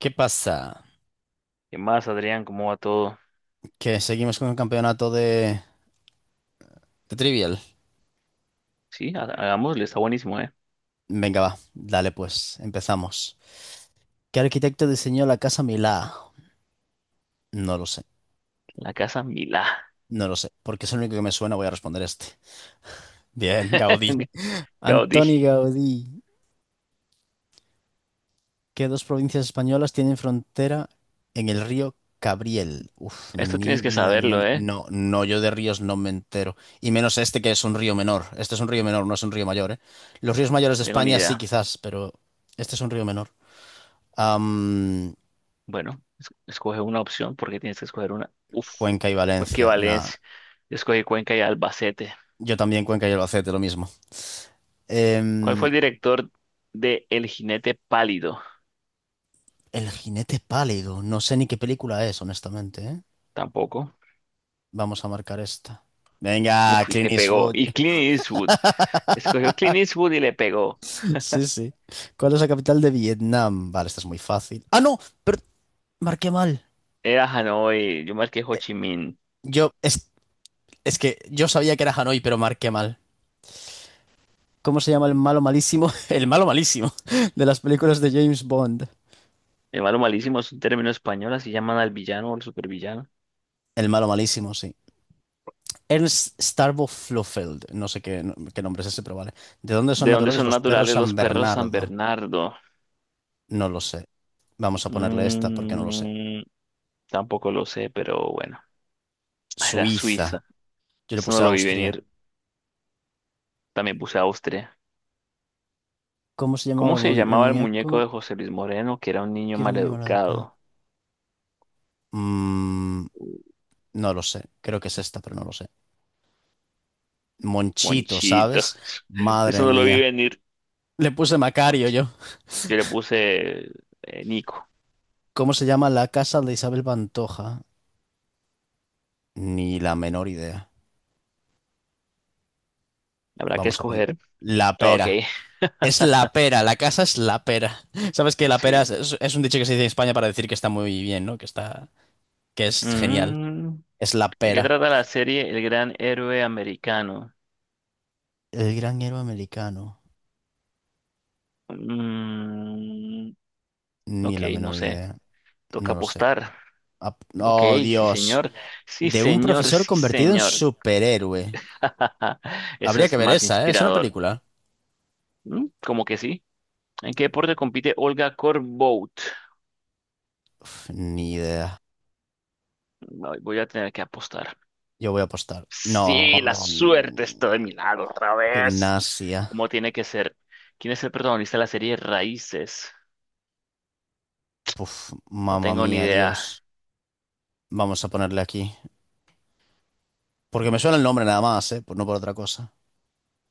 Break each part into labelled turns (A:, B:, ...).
A: ¿Qué pasa?
B: ¿Qué más, Adrián? ¿Cómo va todo?
A: Que seguimos con el campeonato de Trivial.
B: Sí, hagámosle, está buenísimo, ¿eh?
A: Venga, va, dale pues, empezamos. ¿Qué arquitecto diseñó la Casa Milá? No lo sé,
B: La casa Milá.
A: no lo sé, porque es el único que me suena, voy a responder este. Bien, Gaudí.
B: Gaudí,
A: Antoni Gaudí. ¿Qué dos provincias españolas tienen frontera en el río Cabriel? Uf,
B: esto tienes
A: ni
B: que
A: la
B: saberlo,
A: menor.
B: ¿eh?
A: No, no, yo de ríos no me entero. Y menos este que es un río menor. Este es un río menor, no es un río mayor, ¿eh? Los ríos mayores de
B: Tengo ni
A: España sí,
B: idea.
A: quizás, pero este es un río menor. Am,
B: Bueno, escoge una opción porque tienes que escoger una. Uf,
A: Cuenca y
B: bueno, qué
A: Valencia. Nada.
B: Valencia. Yo escogí Cuenca y Albacete.
A: Yo también Cuenca y Albacete, lo mismo.
B: ¿Cuál fue
A: Em,
B: el director de El Jinete Pálido?
A: El jinete pálido. No sé ni qué película es, honestamente, ¿eh?
B: Tampoco.
A: Vamos a marcar esta. Venga,
B: Uf, y
A: Clint
B: le pegó.
A: Eastwood.
B: Y Clint Eastwood. Escogió Clint Eastwood y le pegó.
A: Sí, sí. ¿Cuál es la capital de Vietnam? Vale, esta es muy fácil. Ah, no, pero marqué mal.
B: Era Hanoi, yo marqué Ho Chi Minh.
A: Yo, es, es que yo sabía que era Hanoi, pero marqué mal. ¿Cómo se llama el malo malísimo? El malo malísimo de las películas de James Bond.
B: El malo malísimo es un término español, así llaman al villano o al supervillano.
A: El malo malísimo, sí. Ernst Starbo Flofeld, no sé qué, no, qué nombre es ese, pero vale. ¿De dónde son
B: ¿De dónde
A: naturales
B: son
A: los perros
B: naturales
A: San
B: los perros San
A: Bernardo?
B: Bernardo?
A: No lo sé. Vamos a ponerle esta porque no lo sé.
B: Mm, tampoco lo sé, pero bueno. Ah, era
A: Suiza.
B: Suiza.
A: Yo le
B: Eso no
A: puse
B: lo vi
A: Austria.
B: venir. También puse Austria.
A: ¿Cómo se llamaba
B: ¿Cómo se
A: el
B: llamaba el muñeco
A: muñeco?
B: de José Luis Moreno, que era un niño
A: Quiero niño llamado acá.
B: maleducado?
A: Mm,
B: Uh,
A: no lo sé. Creo que es esta, pero no lo sé. Monchito,
B: Monchito.
A: ¿sabes?
B: Eso
A: Madre
B: no lo vi
A: mía.
B: venir.
A: Le puse Macario
B: Monchito.
A: yo.
B: Yo le puse Nico.
A: ¿Cómo se llama la casa de Isabel Pantoja? Ni la menor idea.
B: Habrá que
A: Vamos a poner.
B: escoger.
A: La
B: Ok,
A: pera. Es la pera, la casa es la pera. Sabes que la pera
B: sí.
A: es un dicho que se dice en España para decir que está muy bien, ¿no? Que es genial.
B: Mm,
A: Es la
B: ¿De qué
A: pera.
B: trata la serie El Gran Héroe Americano?
A: El gran héroe americano.
B: Mm,
A: Ni
B: ok,
A: la
B: no
A: menor
B: sé.
A: idea.
B: Toca
A: No lo sé.
B: apostar. Ok,
A: Oh,
B: sí
A: Dios.
B: señor. Sí
A: De un
B: señor,
A: profesor
B: sí
A: convertido en
B: señor.
A: superhéroe.
B: Eso
A: Habría que
B: es
A: ver
B: más
A: esa, ¿eh? Es una
B: inspirador.
A: película.
B: ¿Mm? Como que sí. ¿En qué deporte compite Olga Korbut?
A: Uf, ni idea.
B: No, voy a tener que apostar.
A: Yo voy a apostar.
B: Sí, la
A: No.
B: suerte está de mi lado otra vez.
A: Gimnasia.
B: ¿Cómo tiene que ser? ¿Quién es el protagonista de la serie Raíces?
A: Uf,
B: No
A: mamma
B: tengo ni
A: mía,
B: idea.
A: Dios. Vamos a ponerle aquí. Porque me suena el nombre nada más, ¿eh? Pues no por otra cosa.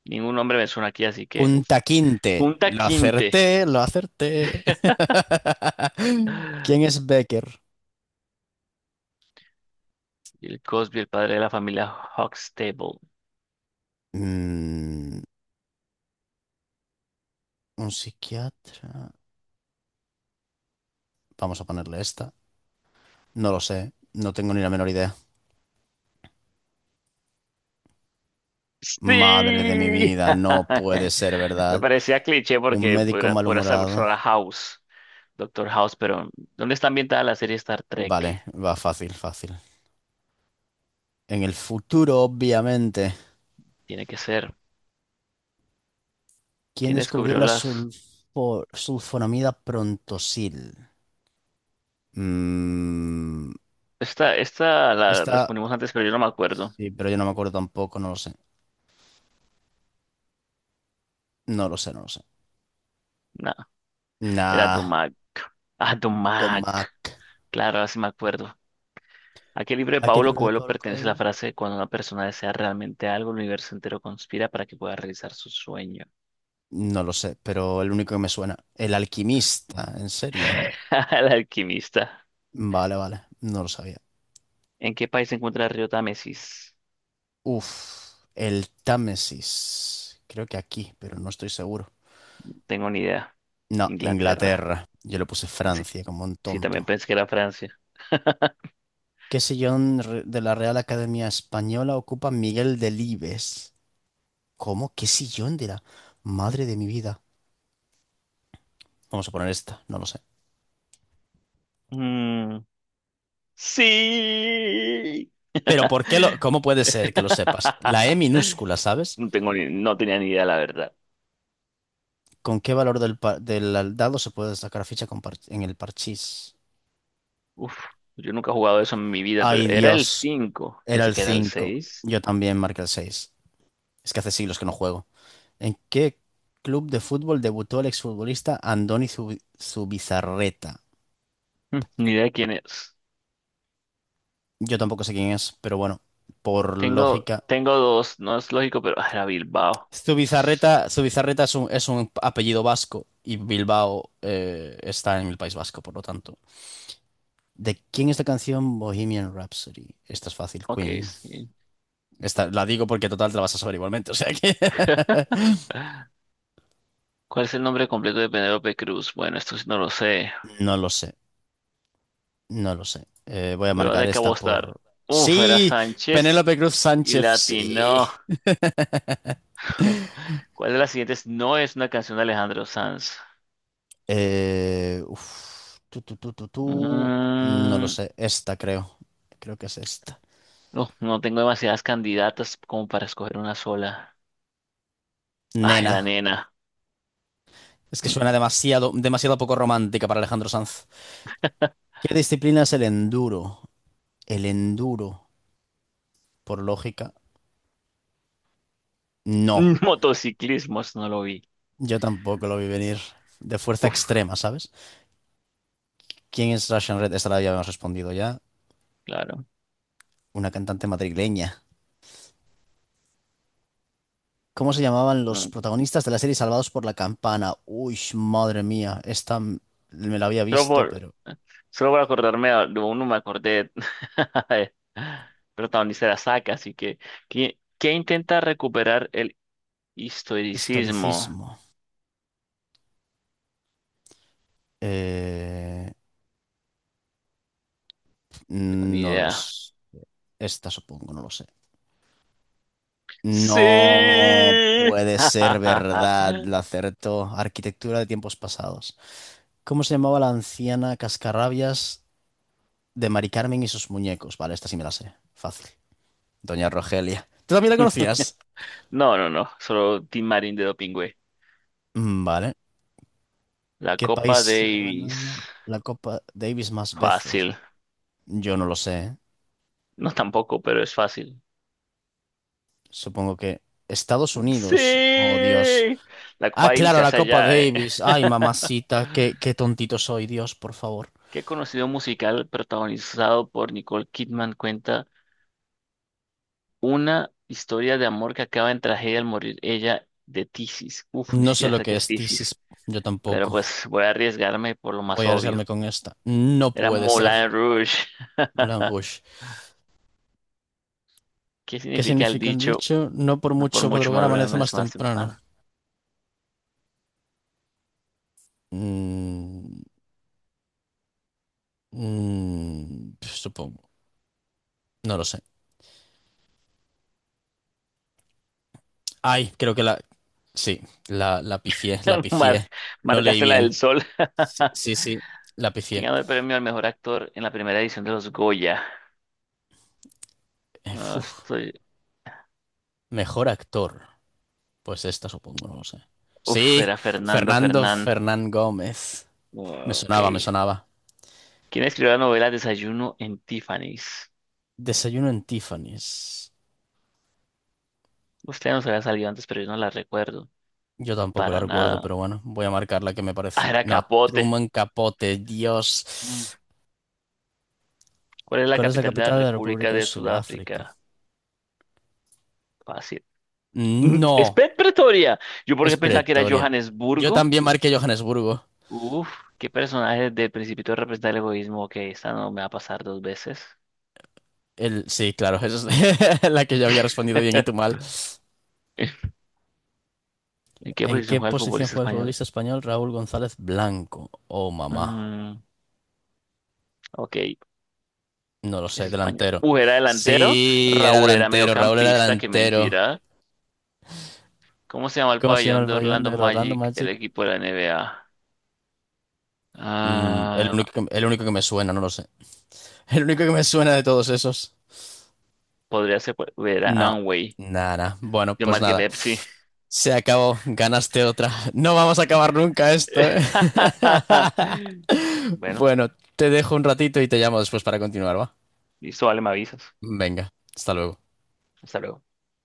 B: Ningún nombre me suena aquí, así que... uf.
A: Kunta Kinte.
B: Kunta
A: Lo
B: Quinte.
A: acerté, lo acerté. ¿Quién es Becker?
B: El Cosby, el padre de la familia Huxtable.
A: Mm, un psiquiatra. Vamos a ponerle esta. No lo sé. No tengo ni la menor idea. Madre
B: Sí.
A: de mi vida, no puede ser
B: Me
A: verdad.
B: parecía cliché
A: Un
B: porque
A: médico
B: podría ser
A: malhumorado.
B: persona House, Doctor House, pero ¿dónde está ambientada la serie Star Trek?
A: Vale, va fácil, fácil. En el futuro, obviamente.
B: Tiene que ser.
A: ¿Quién
B: ¿Quién
A: descubrió
B: descubrió
A: la
B: las?
A: sulfonamida prontosil? Mm,
B: Esta la
A: Está.
B: respondimos antes, pero yo no me acuerdo.
A: Sí, pero yo no me acuerdo tampoco, no lo sé. No lo sé.
B: No, era
A: Nah,
B: Dumac. Ah,
A: Don
B: Dumac.
A: Mac.
B: Claro, así me acuerdo. ¿A qué libro de
A: ¿A qué
B: Paulo
A: libro de
B: Coelho
A: Pablo
B: pertenece la
A: Coelho?
B: frase cuando una persona desea realmente algo, el universo entero conspira para que pueda realizar su sueño?
A: No lo sé, pero el único que me suena. El alquimista, ¿en serio?
B: El alquimista.
A: Vale, vale, no lo sabía.
B: ¿En qué país se encuentra el río Támesis?
A: Uf, el Támesis. Creo que aquí, pero no estoy seguro.
B: Tengo ni idea.
A: No,
B: Inglaterra.
A: Inglaterra. Yo le puse
B: Sí,
A: Francia como un
B: sí, también
A: tonto.
B: pensé que era Francia.
A: ¿Qué sillón de la Real Academia Española ocupa Miguel Delibes? ¿Cómo? ¿Qué sillón de la madre de mi vida? Vamos a poner esta, no lo sé.
B: Mm, sí.
A: Pero ¿cómo puede ser que lo sepas? La E minúscula, ¿sabes?
B: No tengo no tenía ni idea, la verdad.
A: ¿Con qué valor del dado se puede sacar ficha con en el parchís?
B: Uf, yo nunca he jugado eso en mi vida,
A: Ay,
B: pero era el
A: Dios.
B: 5.
A: Era
B: Pensé
A: el
B: que era el
A: 5.
B: 6.
A: Yo también marqué el 6. Es que hace siglos que no juego. ¿En qué club de fútbol debutó el exfutbolista Andoni Zubizarreta?
B: Ni idea quién es.
A: Yo tampoco sé quién es, pero bueno, por
B: Tengo,
A: lógica.
B: tengo dos, no es lógico, pero ah, era Bilbao.
A: Su bizarreta es un apellido vasco y Bilbao está en el País Vasco, por lo tanto. ¿De quién es la canción Bohemian Rhapsody? Esta es fácil,
B: Ok,
A: Queen.
B: sí.
A: Esta, la digo porque total te la vas a saber igualmente, o sea que...
B: ¿Cuál es el nombre completo de Penélope Cruz? Bueno, esto sí no lo sé,
A: No lo sé, no lo sé. Voy a
B: pero va a
A: marcar
B: tener que
A: esta
B: apostar.
A: por...
B: Uf, era
A: Sí,
B: Sánchez
A: Penélope Cruz
B: y
A: Sánchez, sí.
B: Latino. ¿Cuál de las siguientes no es una canción de Alejandro Sanz?
A: Tú, tú, tú, tú, tú. No lo
B: Mm,
A: sé, esta creo. Creo que es esta.
B: uf, no tengo demasiadas candidatas como para escoger una sola. Ah, era
A: Nena.
B: Nena.
A: Es que
B: Mm,
A: suena demasiado, demasiado poco romántica para Alejandro Sanz. ¿Qué disciplina es el enduro? El enduro, por lógica, no.
B: Motociclismos, no lo vi.
A: Yo tampoco lo vi venir. De fuerza
B: Uf,
A: extrema, ¿sabes? ¿Quién es Russian Red? Esta la ya habíamos respondido ya.
B: claro.
A: Una cantante madrileña. ¿Cómo se llamaban los
B: Mm.
A: protagonistas de la serie Salvados por la Campana? Uy, madre mía. Esta me la había
B: Solo
A: visto,
B: por,
A: pero...
B: solo por acordarme de uno me acordé. Protagonista de la saca, así que ¿quién intenta recuperar el historicismo,
A: Historicismo. Eh,
B: ni
A: No
B: idea.
A: los... Esta supongo, no lo sé. No
B: ¡Sí!
A: puede ser verdad, la acertó. Arquitectura de tiempos pasados. ¿Cómo se llamaba la anciana cascarrabias de Mari Carmen y sus muñecos? Vale, esta sí me la sé. Fácil. Doña Rogelia. ¿Tú también la conocías?
B: No, no, no, solo Tim Marín de Dopingüe.
A: Vale.
B: La
A: ¿Qué
B: Copa
A: país ha
B: Davis.
A: ganado la Copa Davis más veces?
B: Fácil.
A: Yo no lo sé, ¿eh?
B: No tampoco, pero es fácil.
A: Supongo que Estados Unidos. Oh,
B: ¡Sí!
A: Dios.
B: La Copa
A: Ah,
B: Davis
A: claro,
B: se
A: la
B: hace
A: Copa
B: allá, ¿eh?
A: Davis. Ay, mamacita, qué, qué tontito soy, Dios, por favor.
B: ¿Qué conocido musical protagonizado por Nicole Kidman cuenta una historia de amor que acaba en tragedia al morir ella de tisis? Uf, ni
A: No sé
B: siquiera
A: lo
B: sé
A: que
B: qué es
A: es Thesis,
B: tisis,
A: yo
B: pero
A: tampoco.
B: pues voy a arriesgarme por lo más
A: Voy a arriesgarme
B: obvio.
A: con esta. No
B: Era
A: puede ser.
B: Moulin Rouge.
A: Moulin Rouge.
B: ¿Qué
A: ¿Qué
B: significa el
A: significa el
B: dicho?
A: dicho? No por
B: "No por
A: mucho
B: mucho
A: madrugar
B: madurar
A: amanece más
B: es más
A: temprano.
B: pan".
A: Mm, supongo. No lo sé. Ay, creo que la... Sí, la pifié, la
B: Mar
A: pifié. No leí
B: Marcaste la
A: bien.
B: del sol.
A: Sí, la
B: ¿Quién
A: pifié.
B: ganó el premio al mejor actor en la primera edición de los Goya? Ah,
A: Uf.
B: estoy...
A: Mejor actor. Pues esta supongo, no lo sé.
B: uf,
A: Sí,
B: era Fernando
A: Fernando
B: Fernán.
A: Fernán Gómez. Me
B: Ah, ok.
A: sonaba, me sonaba.
B: ¿Quién escribió la novela Desayuno en Tiffany's?
A: Desayuno en Tiffany's.
B: Usted no se había salido antes, pero yo no la recuerdo.
A: Yo tampoco la
B: Para
A: recuerdo,
B: nada.
A: pero bueno, voy a marcar la que me
B: Ah,
A: parece.
B: era
A: No,
B: Capote.
A: Truman Capote,
B: Mm.
A: Dios.
B: ¿Cuál es la
A: ¿Cuál es la
B: capital de la
A: capital de la República
B: República
A: de
B: de
A: Sudáfrica?
B: Sudáfrica? Fácil. Mm, es
A: No,
B: Pretoria. Yo
A: es
B: porque pensaba que era
A: Pretoria. Yo
B: Johannesburgo.
A: también marqué Johannesburgo.
B: Uf, qué personaje del Principito representa el egoísmo. Ok, esta no me va a pasar dos veces.
A: Sí, claro, esa es la que yo había respondido bien y tú mal.
B: ¿En qué
A: ¿En
B: posición
A: qué
B: juega el
A: posición
B: futbolista
A: juega el
B: español?
A: futbolista español Raúl González Blanco? Oh, mamá.
B: Mm, ok, es
A: No lo sé,
B: español.
A: delantero.
B: Era delantero.
A: Sí, era
B: Raúl era
A: delantero, Raúl era
B: mediocampista, qué
A: delantero.
B: mentira. ¿Cómo se llama el
A: ¿Cómo se llama
B: pabellón
A: el
B: de
A: pabellón
B: Orlando
A: del Orlando
B: Magic, el
A: Magic?
B: equipo de la NBA? Ah,
A: El único que me suena, no lo sé. El único que me suena de todos esos.
B: podría ser, pues, era
A: No,
B: Anway.
A: nada. Bueno,
B: Yo
A: pues
B: marqué
A: nada.
B: Pepsi.
A: Se acabó, ganaste otra. No vamos a acabar nunca esto, ¿eh?
B: Bueno,
A: Bueno, te dejo un ratito y te llamo después para continuar, ¿va?
B: listo, vale, me avisas.
A: Venga, hasta luego.
B: Hasta luego.